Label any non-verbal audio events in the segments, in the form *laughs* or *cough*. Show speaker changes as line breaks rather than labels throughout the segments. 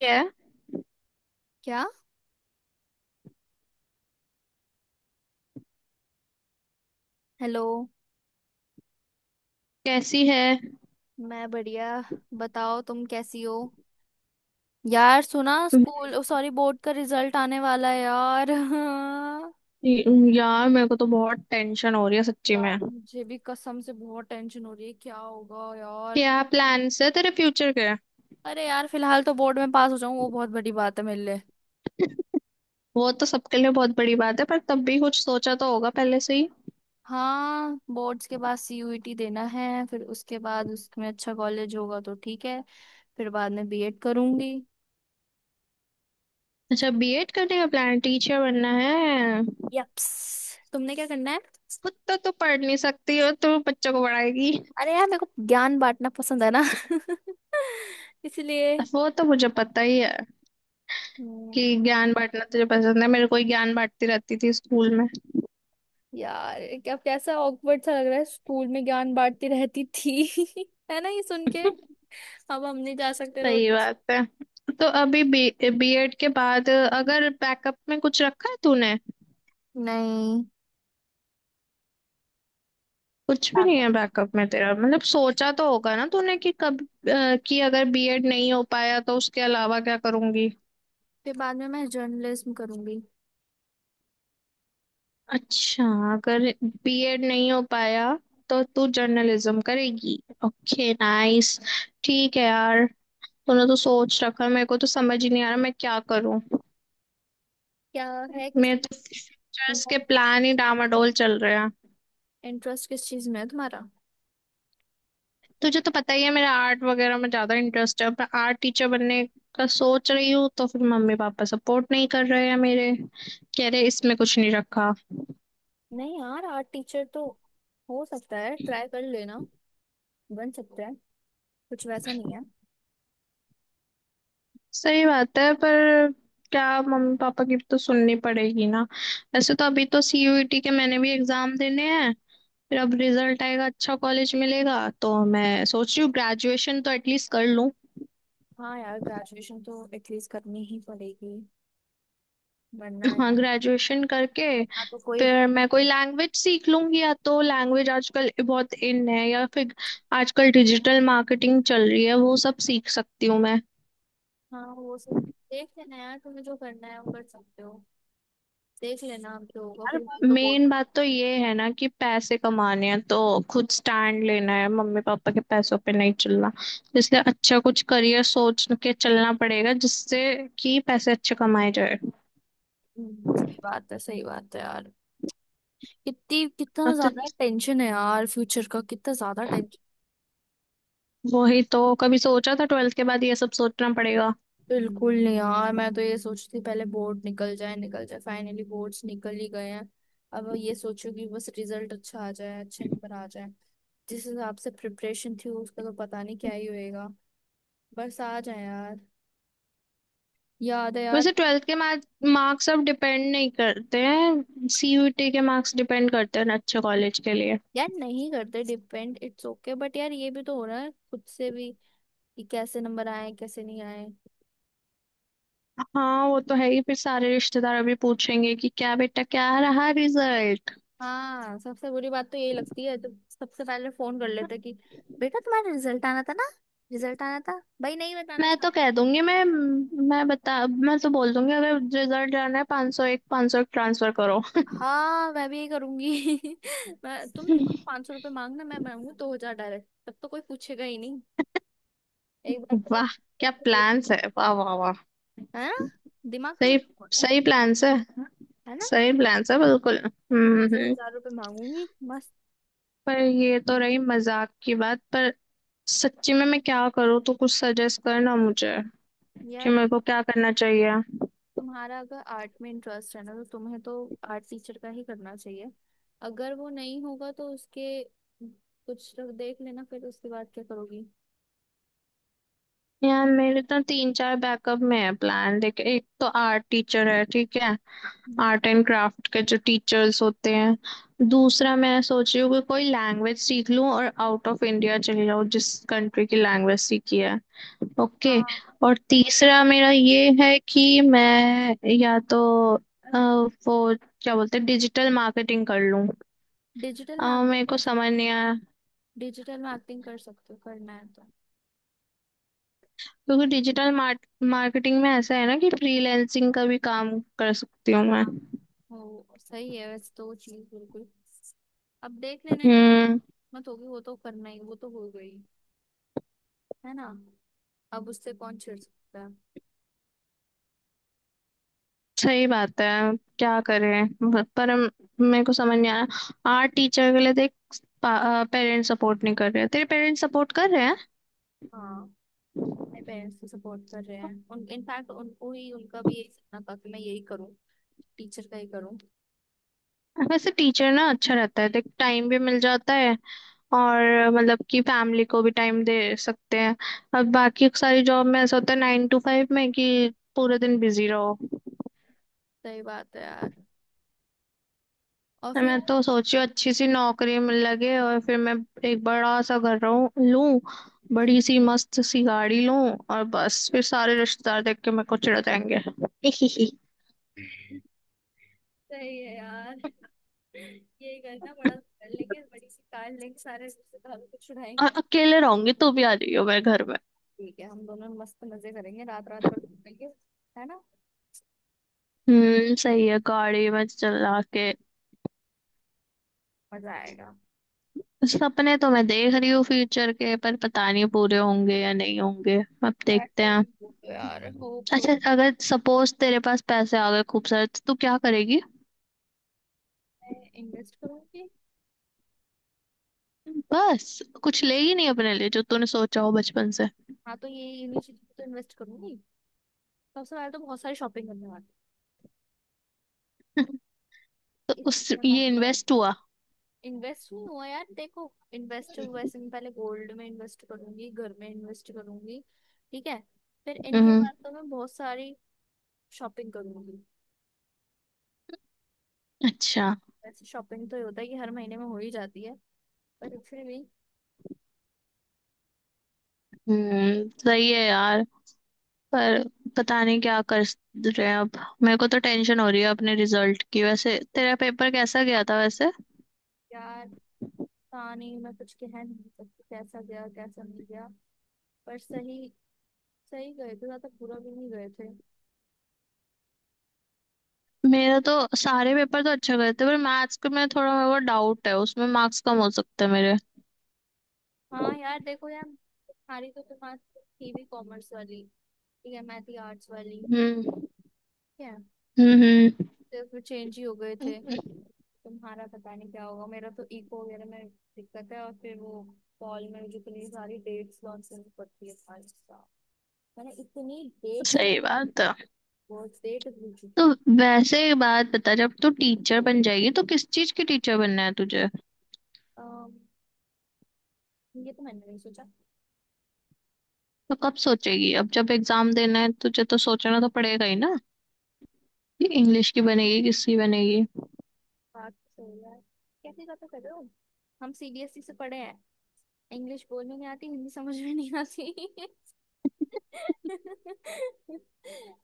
क्या है?
क्या? हेलो।
कैसी है?
मैं बढ़िया। बताओ तुम कैसी हो। यार सुना स्कूल ओ सॉरी बोर्ड का रिजल्ट आने वाला है यार। *laughs*
जी, यार मेरे को तो बहुत टेंशन हो रही है सच्ची में।
यार मुझे भी कसम से बहुत टेंशन हो रही है, क्या होगा यार।
क्या प्लान्स है तेरे फ्यूचर के?
अरे यार फिलहाल तो बोर्ड में पास हो जाऊं वो बहुत बड़ी बात है मेरे लिए।
वो तो सबके लिए बहुत बड़ी बात है, पर तब भी कुछ सोचा तो होगा पहले से ही।
हाँ, बोर्ड्स के बाद सीयूईटी देना है, फिर उसके बाद उसमें अच्छा कॉलेज होगा तो ठीक है। फिर बाद में बीएड करूंगी।
अच्छा, बीएड करने का प्लान? टीचर बनना है?
यप्स। तुमने क्या करना है?
खुद तो तू पढ़ नहीं सकती और तू बच्चों को पढ़ाएगी।
अरे यार मेरे को ज्ञान बांटना पसंद है ना। *laughs* इसलिए।
वो तो मुझे पता ही है कि
हम्म।
ज्ञान बांटना तुझे पसंद है। मेरे को ही ज्ञान बांटती रहती थी स्कूल में।
यार क्या कैसा ऑकवर्ड सा लग रहा है, स्कूल में ज्ञान बांटती रहती थी। *laughs* है ना ये सुन के।
*laughs*
अब हम नहीं जा सकते
सही
रोज।
बात है। तो अभी बी बीएड के बाद अगर बैकअप में कुछ रखा है तूने?
नहीं।
कुछ भी नहीं
हाँ।
है बैकअप में तेरा? मतलब सोचा तो होगा ना तूने कि कब, कि अगर बीएड नहीं हो पाया तो उसके अलावा क्या करूंगी।
फिर बाद में मैं जर्नलिज्म करूंगी।
अच्छा। अगर बीएड नहीं हो पाया तो तू जर्नलिज्म करेगी। Okay, nice. ठीक है यार। तूने तो सोच रखा है, मेरे को तो समझ ही नहीं आ रहा मैं क्या करूं।
क्या? है किस
मेरे तो फ्यूचर्स के प्लान ही डामाडोल चल रहे हैं।
इंटरेस्ट किस चीज में है तुम्हारा?
तुझे तो पता ही है मेरा आर्ट वगैरह में ज्यादा इंटरेस्ट है। अब मैं आर्ट टीचर बनने का सोच रही हूँ, तो फिर मम्मी पापा सपोर्ट नहीं कर रहे हैं मेरे। कह रहे इसमें कुछ नहीं रखा।
नहीं यार, आर्ट टीचर तो हो सकता है, ट्राई कर लेना, बन सकता है, कुछ वैसा नहीं है।
सही बात है, पर क्या, मम्मी पापा की भी तो सुननी पड़ेगी ना। वैसे तो अभी तो सीयूईटी के मैंने भी एग्जाम देने हैं। फिर अब रिजल्ट आएगा, अच्छा कॉलेज मिलेगा, तो मैं सोच रही हूँ ग्रेजुएशन तो एटलीस्ट कर लूँ।
हाँ यार, ग्रेजुएशन तो एटलीस्ट करनी ही पड़ेगी, वरना
हाँ,
यार,
ग्रेजुएशन करके
वरना तो कोई।
फिर मैं कोई लैंग्वेज सीख लूंगी। या तो लैंग्वेज आजकल बहुत इन है, या फिर आजकल डिजिटल मार्केटिंग चल रही है, वो सब सीख सकती हूँ मैं।
हाँ वो सब, देख लेना यार तुम्हें जो करना है वो कर सकते हो। देख लेना आप, जो होगा।
यार,
फिलहाल तो बहुत।
मेन बात तो ये है ना कि पैसे कमाने हैं, तो खुद स्टैंड लेना है। मम्मी पापा के पैसों पे नहीं चलना। इसलिए अच्छा कुछ करियर सोच के चलना पड़ेगा, जिससे कि पैसे अच्छे कमाए जाए।
सही बात है, सही बात है यार। कितनी
हाँ,
कितना
तो
ज्यादा टेंशन है यार, फ्यूचर का कितना ज्यादा टेंशन।
वही तो, कभी सोचा था ट्वेल्थ के बाद ये सब सोचना पड़ेगा।
बिल्कुल नहीं यार, मैं तो ये सोचती थी पहले बोर्ड निकल जाए, निकल जाए, फाइनली बोर्ड्स निकल ही गए हैं। अब ये सोचो कि बस रिजल्ट अच्छा आ जाए, अच्छे नंबर आ जाए। जिस हिसाब से प्रिपरेशन थी उसका तो पता नहीं क्या ही होएगा। बस आ जाए यार। याद है यार।
वैसे ट्वेल्थ के मार्क्स अब डिपेंड नहीं करते हैं, सीयूईटी के मार्क्स डिपेंड करते हैं अच्छे कॉलेज के लिए।
यार नहीं करते डिपेंड, इट्स ओके, बट यार ये भी तो हो रहा है खुद से भी, कि कैसे नंबर आए कैसे नहीं आए।
हाँ, वो तो है ही। फिर सारे रिश्तेदार अभी पूछेंगे कि क्या बेटा, क्या रहा रिजल्ट।
हाँ, सबसे बुरी बात तो यही लगती है, तो सबसे पहले फोन कर लेते कि बेटा तुम्हारा रिजल्ट आना था ना। रिजल्ट आना था भाई, नहीं बताना
मैं तो
चाहते।
कह दूंगी, मैं बता, मैं तो बोल दूंगी अगर रिजल्ट जाना है, 501, 501 ट्रांसफर करो।
हाँ मैं भी यही करूंगी। *laughs* मैं तुम, ₹500 मांगना, मैं मांगू 2,000 डायरेक्ट, तब तो कोई पूछेगा ही नहीं। एक बार
*laughs* वाह,
पकड़
क्या
के देख-
प्लान्स है! वाह वाह वाह।
है ना? दिमाग तो
सही,
मेरा बहुत है।
सही प्लान्स है।
है ना।
सही प्लान्स है बिल्कुल।
दो दो हजार रुपये मांगूंगी, मस्त।
पर ये तो रही मजाक की बात। पर सच्ची में मैं क्या करूँ? तो कुछ सजेस्ट करना मुझे कि
यार
मेरे को क्या करना चाहिए।
तुम्हारा अगर आर्ट में इंटरेस्ट है ना, तो तुम्हें तो आर्ट टीचर का ही करना चाहिए। अगर वो नहीं होगा तो उसके, कुछ तो देख लेना फिर उसके बाद क्या करोगी।
यार, मेरे तो तीन चार बैकअप में है प्लान, देख। एक तो आर्ट टीचर है, ठीक है,
हम्म।
आर्ट एंड क्राफ्ट के जो टीचर्स होते हैं। दूसरा, मैं सोच रही हूँ कि कोई लैंग्वेज सीख लूँ और आउट ऑफ इंडिया चली जाऊँ, जिस कंट्री की लैंग्वेज सीखी है। ओके।
हाँ।
और तीसरा मेरा ये है कि मैं या तो अ, वो, क्या बोलते हैं, डिजिटल मार्केटिंग कर लूँ।
डिजिटल मार्केटिंग
मेरे को
कर,
समझ नहीं आया,
डिजिटल मार्केटिंग कर सकते हो, करना है तो।
क्योंकि डिजिटल मार्केटिंग में ऐसा है ना कि फ्रीलैंसिंग का भी काम कर सकती हूँ मैं।
हाँ वो सही है, वैसे तो वो चीज़ बिल्कुल, अब देख लेना यार,
हम्म,
मत होगी वो तो, करना ही, वो तो हो गई। है ना? अब उससे कौन छेड़ सकता है।
सही बात है। क्या करें, पर मेरे को समझ नहीं आया। आर्ट टीचर के लिए देख, पेरेंट्स सपोर्ट नहीं कर रहे। तेरे पेरेंट्स सपोर्ट कर रहे हैं।
हाँ। मेरे पेरेंट्स तो सपोर्ट कर रहे हैं, उन इनफैक्ट उनको ही, उनका भी यही सपना था कि मैं यही करूँ, टीचर का ही करूँ।
वैसे टीचर ना अच्छा रहता है, देख। टाइम भी मिल जाता है और मतलब कि फैमिली को भी टाइम दे सकते हैं। अब बाकी सारी जॉब में ऐसा होता है, नाइन टू फाइव में कि पूरे दिन बिजी रहो।
सही बात है यार, और फिर
मैं
यार।
तो सोची हूँ अच्छी सी नौकरी मिल लगे, और फिर मैं एक बड़ा सा घर रहूं लूं, बड़ी सी मस्त सी गाड़ी लूं। और बस फिर सारे रिश्तेदार देख के मेरे को चिढ़ जाएंगे। *laughs*
सही है यार, यही करना, बड़ा कर लेंगे, बड़ी सी कार लेंगे, सारे रिश्तेदारों को छुड़ाएंगे।
और अकेले रहूंगी, तू भी आ जाइयो मेरे घर में।
ठीक है, हम दोनों मस्त मजे करेंगे, रात रात भर घूमेंगे। है ना?
हम्म, सही है, गाड़ी में चला के।
मजा आएगा।
सपने तो मैं देख रही हूँ फ्यूचर के, पर पता नहीं पूरे होंगे या नहीं होंगे। अब
यार
देखते हैं।
चलेंगे तो यार, होप सो।
अच्छा, अगर सपोज तेरे पास पैसे आ गए खूब सारे, तो तू क्या करेगी?
मैं इन्वेस्ट करूंगी।
बस? कुछ लेगी नहीं अपने लिए जो तूने सोचा हो बचपन से?
हाँ तो ये इन्हीं चीजों पे तो इन्वेस्ट करूंगी। सबसे पहले तो बहुत सारी शॉपिंग करने वाली
तो
है,
उस,
इसमें पैसा
ये इन्वेस्ट
लगाऊंगी।
हुआ?
इन्वेस्ट नहीं हुआ यार, देखो, इन्वेस्ट वैसे मैं पहले गोल्ड में इन्वेस्ट करूंगी, घर में इन्वेस्ट करूंगी, ठीक है। फिर इनके
हम्म।
बाद तो मैं बहुत सारी शॉपिंग करूंगी।
अच्छा।
वैसे शॉपिंग तो ये होता है कि हर महीने में हो ही जाती है, पर फिर भी।
हम्म, सही है यार। पर पता नहीं क्या कर रहे हैं अब। मेरे को तो टेंशन हो रही है अपने रिजल्ट की। वैसे तेरा पेपर कैसा गया था, वैसे?
यार पता नहीं, मैं कुछ कह नहीं सकती कैसा गया कैसा नहीं गया, पर सही, सही गए थे, ज्यादा बुरा भी नहीं गए थे।
मेरा तो सारे पेपर तो अच्छा गए थे, पर मैथ्स के में थोड़ा मेरे को डाउट है, उसमें मार्क्स कम हो सकते हैं मेरे।
हाँ यार, देखो यार, तुम्हारी तो, तुम्हारी थी भी कॉमर्स वाली, ठीक है। मैं थी आर्ट्स वाली,
हम्म।
ठीक है।
हम्म।
तो फिर चेंज ही हो गए थे।
हम्म,
तुम्हारा पता नहीं क्या होगा, मेरा तो इको वगैरह में दिक्कत है, और फिर वो कॉल में मुझे इतनी सारी डेट्स लॉन्च करनी पड़ती है सारी साल। मैंने इतनी डेट्स
सही
लॉन्च,
बात है
बहुत डेट भूल
तो।
चुकी हूँ।
वैसे एक बात बता, जब तू टीचर बन जाएगी तो किस चीज की टीचर बनना है तुझे?
अम, ये तो मैंने नहीं सोचा।
तो कब सोचेगी? अब जब एग्जाम देना है तुझे, तो सोचना तो पड़ेगा ही ना। ये इंग्लिश की बनेगी, किसकी बनेगी?
बात तो यार, कैसी बातें कर रहे हो। हम सीबीएसई से पढ़े हैं, इंग्लिश बोलने नहीं आती, हिंदी समझ में नहीं आती। *laughs*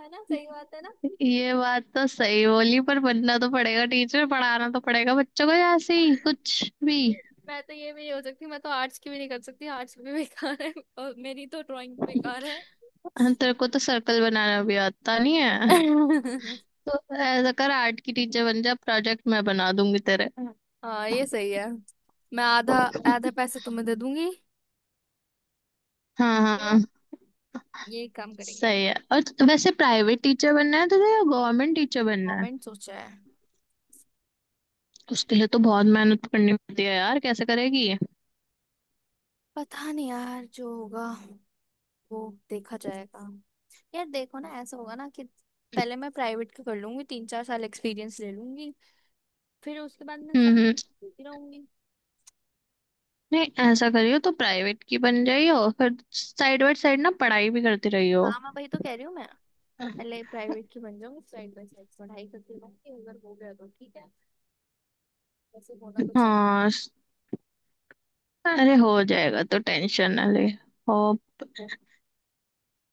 है ना, सही बात है ना।
ये बात तो सही बोली, पर बनना तो पड़ेगा टीचर, पढ़ाना तो पड़ेगा बच्चों को ऐसे ही
*laughs*
कुछ भी।
मैं तो ये भी नहीं हो सकती, मैं तो आर्ट्स की भी नहीं कर सकती, आर्ट्स भी बेकार है। *laughs* और मेरी तो ड्राइंग बेकार है।
हम, तेरे को तो सर्कल बनाना भी आता नहीं है,
*laughs*
तो ऐसा कर, आर्ट की टीचर बन जा, प्रोजेक्ट मैं बना दूंगी तेरे। हाँ
हाँ ये सही है, मैं आधा, आधा पैसे तुम्हें दे दूंगी,
हाँ
ठीक है,
हाँ,
ये काम करेंगे।
सही है। और वैसे प्राइवेट टीचर बनना है तुझे या गवर्नमेंट टीचर बनना है?
कमेंट सोचा है।
उसके लिए तो बहुत मेहनत करनी पड़ती है यार, कैसे करेगी?
पता नहीं यार, जो होगा वो देखा जाएगा। यार देखो ना, ऐसा होगा ना कि पहले मैं प्राइवेट का कर लूंगी, 3-4 साल एक्सपीरियंस ले लूंगी, फिर उसके बाद मैं
हम्म।
सब
हम्म।
देती रहूंगी।
नहीं, ऐसा करियो, तो प्राइवेट की बन जाइयो, फिर साइड बाय साइड ना पढ़ाई भी करती रहियो।
हाँ मैं वही तो कह रही हूँ, मैं पहले प्राइवेट की बन जाऊंगी, साइड बाय साइड पढ़ाई करती रहूंगी, अगर हो गया तो ठीक है, वैसे होना तो चाहिए।
हाँ, अरे हो जाएगा, तो टेंशन ना ले। हो,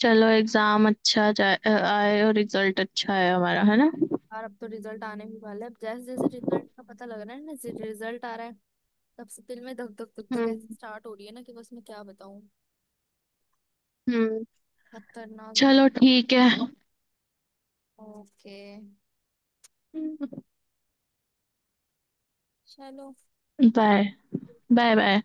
चलो, एग्जाम अच्छा जाए, आए और रिजल्ट अच्छा आए हमारा, है ना?
और अब तो रिजल्ट आने भी वाला है, अब जैसे जैसे रिजल्ट का पता लग रहा है ना, जैसे रिजल्ट आ रहा है, तब से दिल में धक धक धक धक ऐसे
हम्म।
स्टार्ट हो रही है ना कि बस, मैं क्या बताऊं।
हम्म।
खतरनाक दिल।
चलो, ठीक है।
ओके। चलो।
बाय। Bye bye.